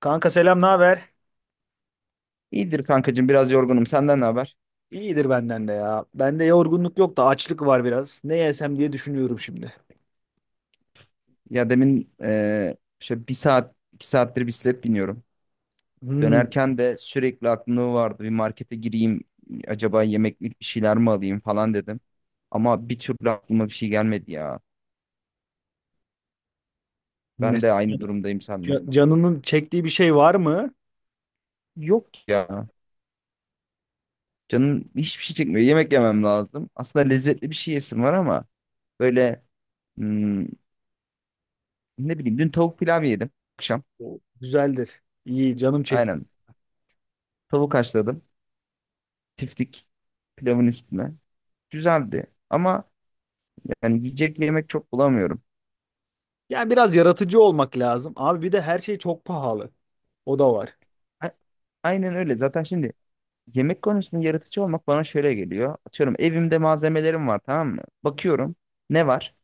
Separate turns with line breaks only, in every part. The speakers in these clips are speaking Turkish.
Kanka selam, ne haber?
İyidir kankacığım, biraz yorgunum. Senden ne haber?
İyidir benden de ya. Bende yorgunluk yok da açlık var biraz. Ne yesem diye düşünüyorum şimdi.
Ya demin şöyle bir saat iki saattir bisiklet biniyorum.
Hmm,
Dönerken de sürekli aklımda vardı bir markete gireyim, acaba yemeklik bir şeyler mi alayım falan dedim. Ama bir türlü aklıma bir şey gelmedi ya. Ben de
mesela
aynı durumdayım seninle.
canının çektiği bir şey var mı?
Yok ya. Canım hiçbir şey çekmiyor. Yemek yemem lazım. Aslında lezzetli bir şey yesim var ama böyle hmm, ne bileyim, dün tavuk pilav yedim akşam.
O güzeldir. İyi, canım çekti.
Aynen. Tavuk haşladım. Tiftik pilavın üstüne. Güzeldi ama yani yiyecek yemek çok bulamıyorum.
Yani biraz yaratıcı olmak lazım. Abi bir de her şey çok pahalı. O da var.
A- Aynen öyle. Zaten şimdi yemek konusunda yaratıcı olmak bana şöyle geliyor. Atıyorum, evimde malzemelerim var, tamam mı? Bakıyorum ne var?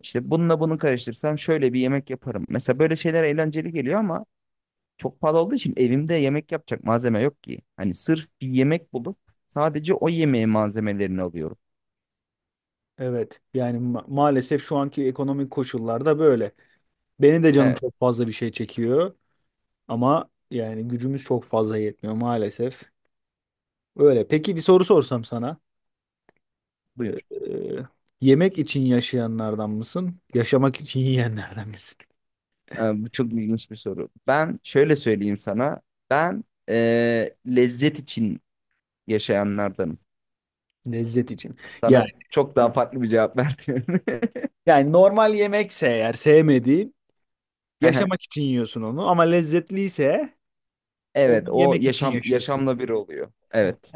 İşte bununla bunu karıştırsam şöyle bir yemek yaparım. Mesela böyle şeyler eğlenceli geliyor ama çok pahalı olduğu için evimde yemek yapacak malzeme yok ki. Hani sırf bir yemek bulup sadece o yemeğin malzemelerini alıyorum.
Evet. Yani maalesef şu anki ekonomik koşullarda böyle. Beni de canım
Evet,
çok fazla bir şey çekiyor ama yani gücümüz çok fazla yetmiyor maalesef. Öyle. Peki bir soru sorsam sana.
buyur.
Ee, yemek için yaşayanlardan mısın? Yaşamak için yiyenlerden misin?
Bu çok ilginç bir soru. Ben şöyle söyleyeyim sana. Ben lezzet için yaşayanlardanım.
Lezzet için. Yani,
Sana çok daha farklı bir cevap verdim.
yani normal yemekse eğer sevmediğin yaşamak için yiyorsun onu, ama lezzetliyse onu
Evet, o
yemek için
yaşam
yaşıyorsun.
yaşamla bir oluyor. Evet.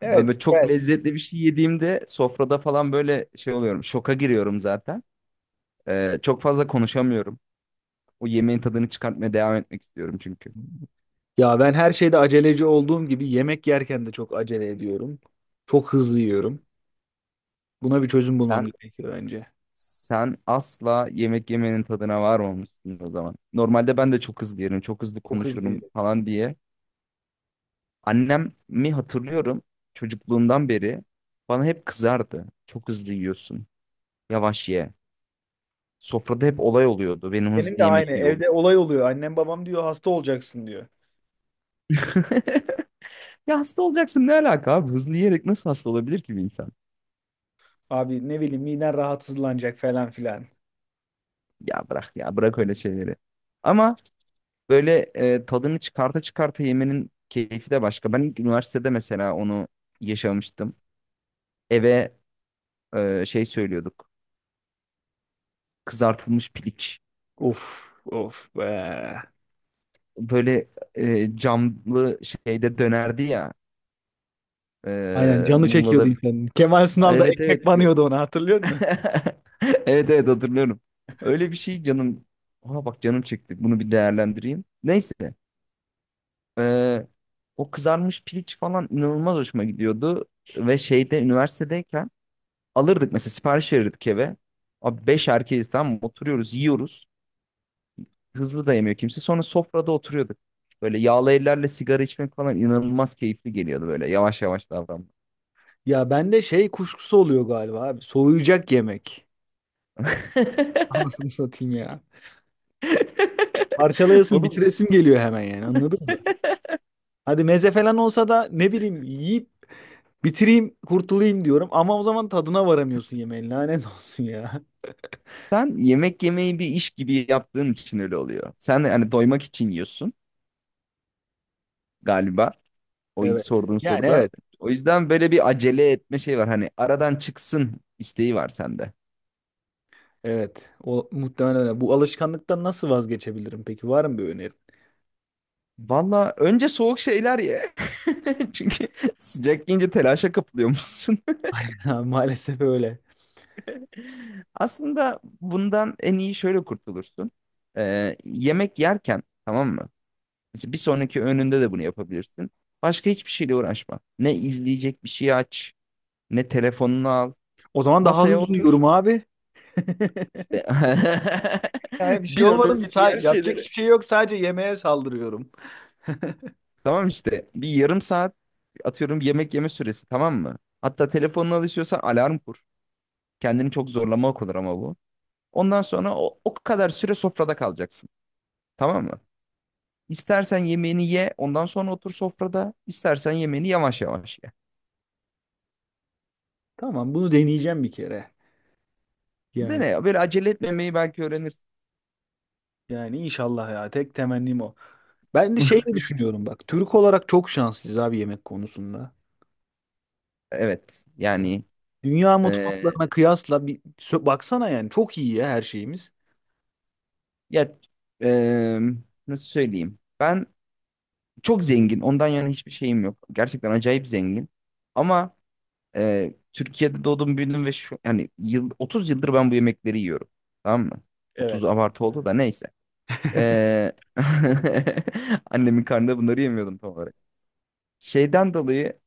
Evet,
Böyle çok
güzel.
lezzetli bir şey yediğimde sofrada falan böyle şey oluyorum. Şoka giriyorum zaten. Çok fazla konuşamıyorum. O yemeğin tadını çıkartmaya devam etmek istiyorum çünkü.
Ya ben her şeyde aceleci olduğum gibi yemek yerken de çok acele ediyorum. Çok hızlı yiyorum. Buna bir çözüm bulmam
Sen
gerekiyor bence.
sen asla yemek yemenin tadına varmamışsın o zaman. Normalde ben de çok hızlı yerim, çok hızlı
Çok hızlı
konuşurum
yiyorum.
falan diye. Annemi hatırlıyorum, çocukluğumdan beri bana hep kızardı. Çok hızlı yiyorsun. Yavaş ye. Sofrada hep olay oluyordu. Benim
Benim
hızlı
de
yemek
aynı.
iyi olur.
Evde olay oluyor. Annem babam diyor hasta olacaksın diyor.
Ya hasta olacaksın, ne alaka abi? Hızlı yiyerek nasıl hasta olabilir ki bir insan?
Abi ne bileyim miden rahatsızlanacak falan filan.
Ya bırak ya bırak öyle şeyleri. Ama böyle tadını çıkarta çıkarta yemenin keyfi de başka. Ben ilk üniversitede mesela onu yaşamıştım. Eve şey söylüyorduk. Kızartılmış piliç.
Of of be.
Böyle camlı şeyde dönerdi ya.
Aynen canı çekiyordu
Muğla'da.
insanın. Kemal Sunal da
Evet
ekmek
evet.
banıyordu ona, hatırlıyor musun?
Evet evet, hatırlıyorum. Öyle bir şey canım. Aha bak, canım çekti. Bunu bir değerlendireyim. Neyse. ee, O kızarmış piliç falan inanılmaz hoşuma gidiyordu. Ve şeyde, üniversitedeyken alırdık mesela, sipariş verirdik eve. Abi beş erkeğiz, tamam mı? Oturuyoruz, yiyoruz. Hızlı da yemiyor kimse. Sonra sofrada oturuyorduk. Böyle yağlı ellerle sigara içmek falan inanılmaz keyifli geliyordu böyle. Yavaş yavaş davranmak.
Ya bende şey kuşkusu oluyor galiba abi. Soğuyacak yemek. Anasını satayım ya. Parçalayasın
Oğlum,
bitiresim geliyor hemen, yani anladın mı? Hadi meze falan olsa da ne bileyim yiyip bitireyim kurtulayım diyorum. Ama o zaman tadına varamıyorsun yemeğin, lanet olsun ya.
sen yemek yemeyi bir iş gibi yaptığın için öyle oluyor. Sen hani doymak için yiyorsun galiba. O ilk
Evet.
sorduğun
Yani
soruda.
evet.
O yüzden böyle bir acele etme şey var. Hani aradan çıksın isteği var sende.
Evet, o muhtemelen öyle. Bu alışkanlıktan nasıl vazgeçebilirim peki? Var mı bir önerin?
Valla önce soğuk şeyler ye. Çünkü sıcak yiyince telaşa kapılıyormuşsun.
Ha, maalesef öyle.
Aslında bundan en iyi şöyle kurtulursun. Yemek yerken, tamam mı? Mesela bir sonraki öğününde de bunu yapabilirsin. Başka hiçbir şeyle uğraşma. Ne izleyecek bir şey aç. Ne telefonunu al.
O zaman daha
Masaya
hızlı
otur.
uyuyorum abi.
İşte
Yani bir şey
bir an
olmadı mı?
önce diğer
Yapacak
şeyleri.
hiçbir şey yok. Sadece yemeğe saldırıyorum.
Tamam işte, bir yarım saat atıyorum yemek yeme süresi, tamam mı? Hatta telefonunu alışıyorsan alarm kur. Kendini çok zorlamak olur ama bu. Ondan sonra o kadar süre sofrada kalacaksın. Tamam mı? İstersen yemeğini ye, ondan sonra otur sofrada. İstersen yemeğini yavaş yavaş ye.
Tamam, bunu deneyeceğim bir kere.
Değil
Yani,
mi ya? Böyle acele etmemeyi belki öğrenirsin.
inşallah ya. Tek temennim o. Ben de şey mi düşünüyorum bak. Türk olarak çok şanslıyız abi yemek konusunda.
Evet. Yani
Dünya
eee,
mutfaklarına kıyasla bir baksana, yani çok iyi ya her şeyimiz.
ya eee, nasıl söyleyeyim? Ben çok zengin. Ondan yana hiçbir şeyim yok. Gerçekten acayip zengin. Ama Türkiye'de doğdum, büyüdüm ve şu yani yıl 30 yıldır ben bu yemekleri yiyorum. Tamam mı? 30
Evet.
abartı oldu da neyse. E, Annemin karnında bunları yemiyordum tam olarak. Şeyden dolayı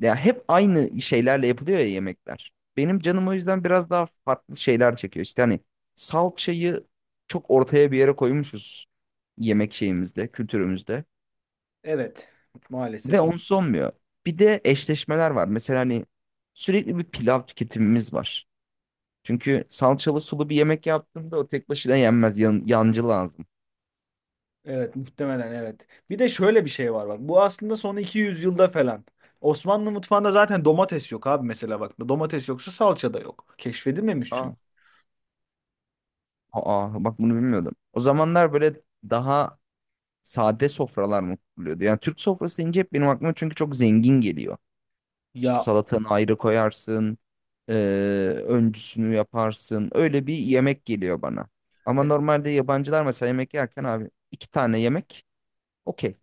ya hep aynı şeylerle yapılıyor ya yemekler. Benim canım o yüzden biraz daha farklı şeyler çekiyor. İşte hani salçayı çok ortaya bir yere koymuşuz yemek şeyimizde, kültürümüzde.
Evet.
Ve
Maalesef.
onsuz olmuyor. Bir de eşleşmeler var. Mesela hani sürekli bir pilav tüketimimiz var. Çünkü salçalı sulu bir yemek yaptığında o tek başına yenmez. Yan, yancı lazım.
Evet, muhtemelen evet. Bir de şöyle bir şey var bak. Bu aslında son 200 yılda falan. Osmanlı mutfağında zaten domates yok abi mesela bak. Domates yoksa salça da yok. Keşfedilmemiş çünkü.
Aa, aa, bak bunu bilmiyordum. O zamanlar böyle daha sade sofralar mı kuruluyordu? Yani Türk sofrası deyince hep benim aklıma çünkü çok zengin geliyor. İşte
Ya
salatanı ayrı koyarsın. e, Öncüsünü yaparsın. Öyle bir yemek geliyor bana. Ama
e,
normalde yabancılar mesela yemek yerken abi iki tane yemek okey.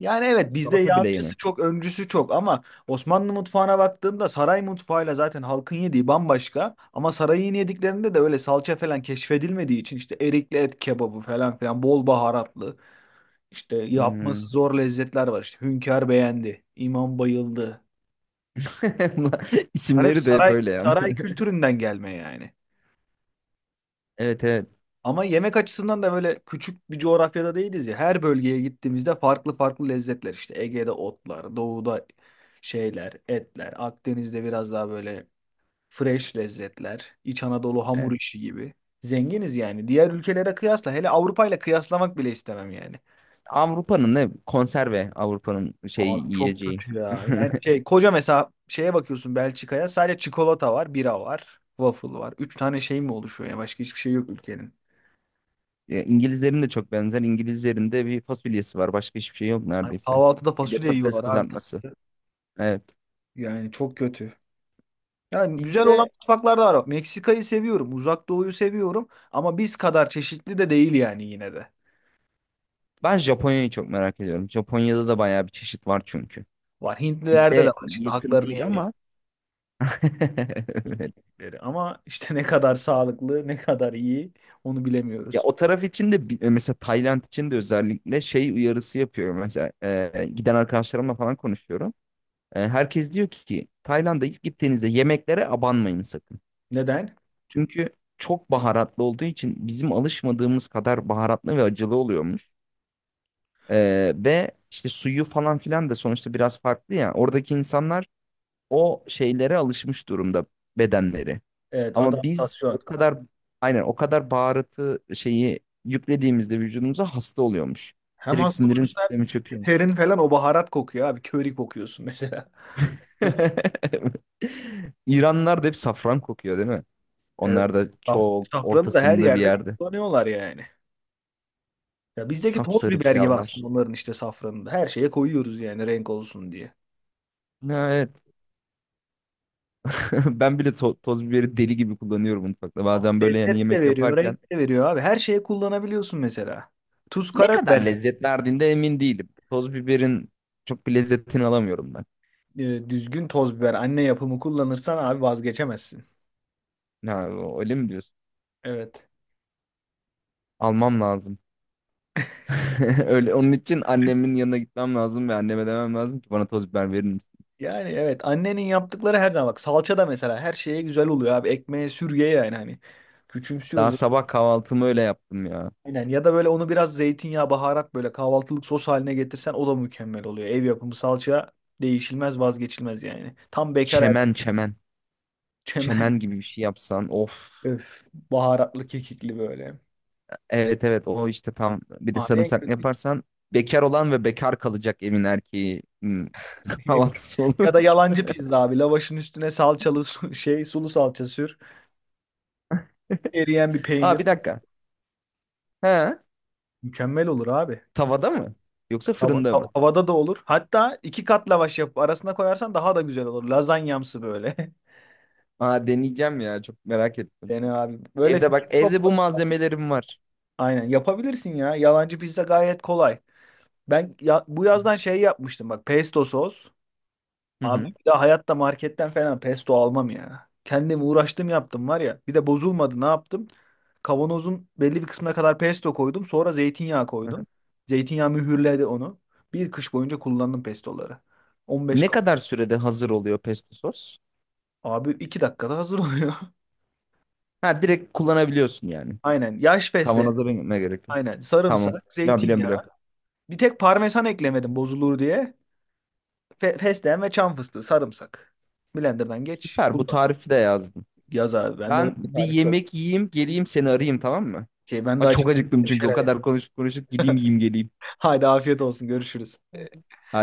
yani evet, bizde
Salata bile
yancısı
yemek.
çok, öncüsü çok ama Osmanlı mutfağına baktığında saray mutfağıyla zaten halkın yediği bambaşka, ama sarayın yediklerinde de öyle salça falan keşfedilmediği için işte erikli et kebabı falan filan bol baharatlı İşte yapması
Hmm.
zor lezzetler var. İşte Hünkar Beğendi, imam bayıldı.
Bunlar-
Bunlar hep
İsimleri de hep öyle yani.
saray kültüründen gelme yani.
Evet evet.
Ama yemek açısından da böyle küçük bir coğrafyada değiliz ya. Her bölgeye gittiğimizde farklı farklı lezzetler işte. Ege'de otlar, doğuda şeyler, etler, Akdeniz'de biraz daha böyle fresh lezzetler, İç Anadolu hamur
Evet.
işi gibi. Zenginiz yani. Diğer ülkelere kıyasla, hele Avrupa ile kıyaslamak bile istemem yani.
Avrupa'nın ne? Konserve Avrupa'nın şey
Abi çok
yiyeceği.
kötü ya. Yani şey, koca mesela şeye bakıyorsun Belçika'ya, sadece çikolata var, bira var, waffle var. Üç tane şey mi oluşuyor ya? Başka hiçbir şey yok ülkenin.
Ya, İngilizlerin de çok benzer. İngilizlerin de bir fasulyesi var. Başka hiçbir şey yok
Hani
neredeyse.
kahvaltıda
Bir de
fasulye
patates
yiyorlar abi.
kızartması. Evet.
Yani çok kötü. Yani güzel olan
Bizde
mutfaklar da var. Meksika'yı seviyorum. Uzak Doğu'yu seviyorum. Ama biz kadar çeşitli de değil yani, yine de.
Ben Japonya'yı çok merak ediyorum. Japonya'da da bayağı bir çeşit var çünkü.
Var. Hintlilerde de
Bizde
var. Şimdi
yakın
haklarını
değil
yemeyelim.
ama
Hintlileri. Ama işte ne kadar sağlıklı, ne kadar iyi onu
ya
bilemiyoruz.
o taraf için de mesela Tayland için de özellikle şey uyarısı yapıyorum. Mesela giden arkadaşlarımla falan konuşuyorum. Herkes diyor ki Tayland'a ilk gittiğinizde yemeklere abanmayın sakın.
Neden?
Çünkü çok baharatlı olduğu için bizim alışmadığımız kadar baharatlı ve acılı oluyormuş. Ve işte suyu falan filan da sonuçta biraz farklı ya. Oradaki insanlar o şeylere alışmış durumda bedenleri.
Evet,
Ama biz
adaptasyon.
o kadar, aynen o kadar baharatı şeyi yüklediğimizde vücudumuza hasta oluyormuş.
Hem
Direkt
hasta
sindirim
oluyorsun
sistemi
hem
çöküyormuş.
terin falan o baharat kokuyor abi. Köri kokuyorsun mesela.
İranlılar da hep safran kokuyor değil mi?
Evet.
Onlar da
Saf-
çok
safranı da her
ortasında bir
yerde
yerde.
kullanıyorlar yani. Ya bizdeki toz
Sapsarı
biber gibi
pilavlar.
aslında onların işte safranı da. Her şeye koyuyoruz yani renk olsun diye.
Ha, evet. Ben bile toz biberi deli gibi kullanıyorum mutfakta.
Ah,
Bazen böyle yani
lezzet de
yemek
veriyor,
yaparken
renk de veriyor abi. Her şeye kullanabiliyorsun mesela. Tuz,
ne kadar
karabiber gibi.
lezzet verdiğinde emin değilim. Toz biberin çok bir lezzetini alamıyorum ben.
Düzgün toz biber, anne yapımı kullanırsan abi vazgeçemezsin.
Ha, öyle mi diyorsun?
Evet.
Almam lazım. Öyle, onun için annemin yanına gitmem lazım ve anneme demem lazım ki bana toz biber verir misin?
Yani evet, annenin yaptıkları her zaman, bak salça da mesela her şeye güzel oluyor abi. Ekmeğe sürgeye yani hani.
Daha
Küçümsüyoruz.
sabah kahvaltımı öyle yaptım ya.
Aynen, ya da böyle onu biraz zeytinyağı, baharat böyle kahvaltılık sos haline getirsen o da mükemmel oluyor. Ev yapımı salça değişilmez, vazgeçilmez yani.
Çemen çemen.
Çemen.
Çemen gibi bir şey yapsan of.
Öf, baharatlı kekikli böyle.
Evet evet, o işte tam. Bir de
Abi en
sarımsaklı
kötü
yaparsan bekar olan ve bekar kalacak evin erkeği
yemek.
kahvaltısı olur.
Ya da yalancı pizza abi. Lavaşın üstüne salçalı şey, sulu salça sür. Eriyen bir
Aa
peynir.
bir dakika. He,
Mükemmel olur abi.
tavada mı? Yoksa fırında mı?
Tavada da olur. Hatta iki kat lavaş yapıp arasına koyarsan daha da güzel olur. Lazanyamsı böyle.
Aa, deneyeceğim ya, çok merak ettim.
Yani abi böyle
Evde
fikir
bak, evde bu
çok.
malzemelerim var.
Aynen, yapabilirsin ya. Yalancı pizza gayet kolay. Ben ya, bu yazdan şey yapmıştım bak, pesto sos.
Hı
Abi
hı.
bir daha hayatta marketten falan pesto almam ya. Kendim uğraştım yaptım var ya. Bir de bozulmadı, ne yaptım? Kavanozun belli bir kısmına kadar pesto koydum. Sonra zeytinyağı
Hı hı.
koydum. Zeytinyağı mühürledi onu. Bir kış boyunca kullandım pestoları. 15
Ne kadar sürede hazır oluyor pesto sos?
abi 2 dakikada hazır oluyor.
Ha, direkt kullanabiliyorsun yani.
Aynen. Yaş fesleğen.
Kavanoza binme gerek yok.
Aynen.
Tamam.
Sarımsak,
Ya biliyorum
zeytinyağı.
biliyorum.
Bir tek parmesan eklemedim bozulur diye. Fesleğen ve çam fıstığı, sarımsak. Blender'dan geç,
Süper, bu
kullan.
tarifi de yazdım.
Yaz abi. Bende
Ben
böyle bir
bir
tarif yok.
yemek yiyeyim, geleyim, seni arayayım, tamam mı?
Şey, ben de
Aa, çok
acıktım
acıktım
bir
çünkü o
şeyler.
kadar konuşup konuşup gideyim yiyeyim geleyim.
Haydi afiyet olsun. Görüşürüz.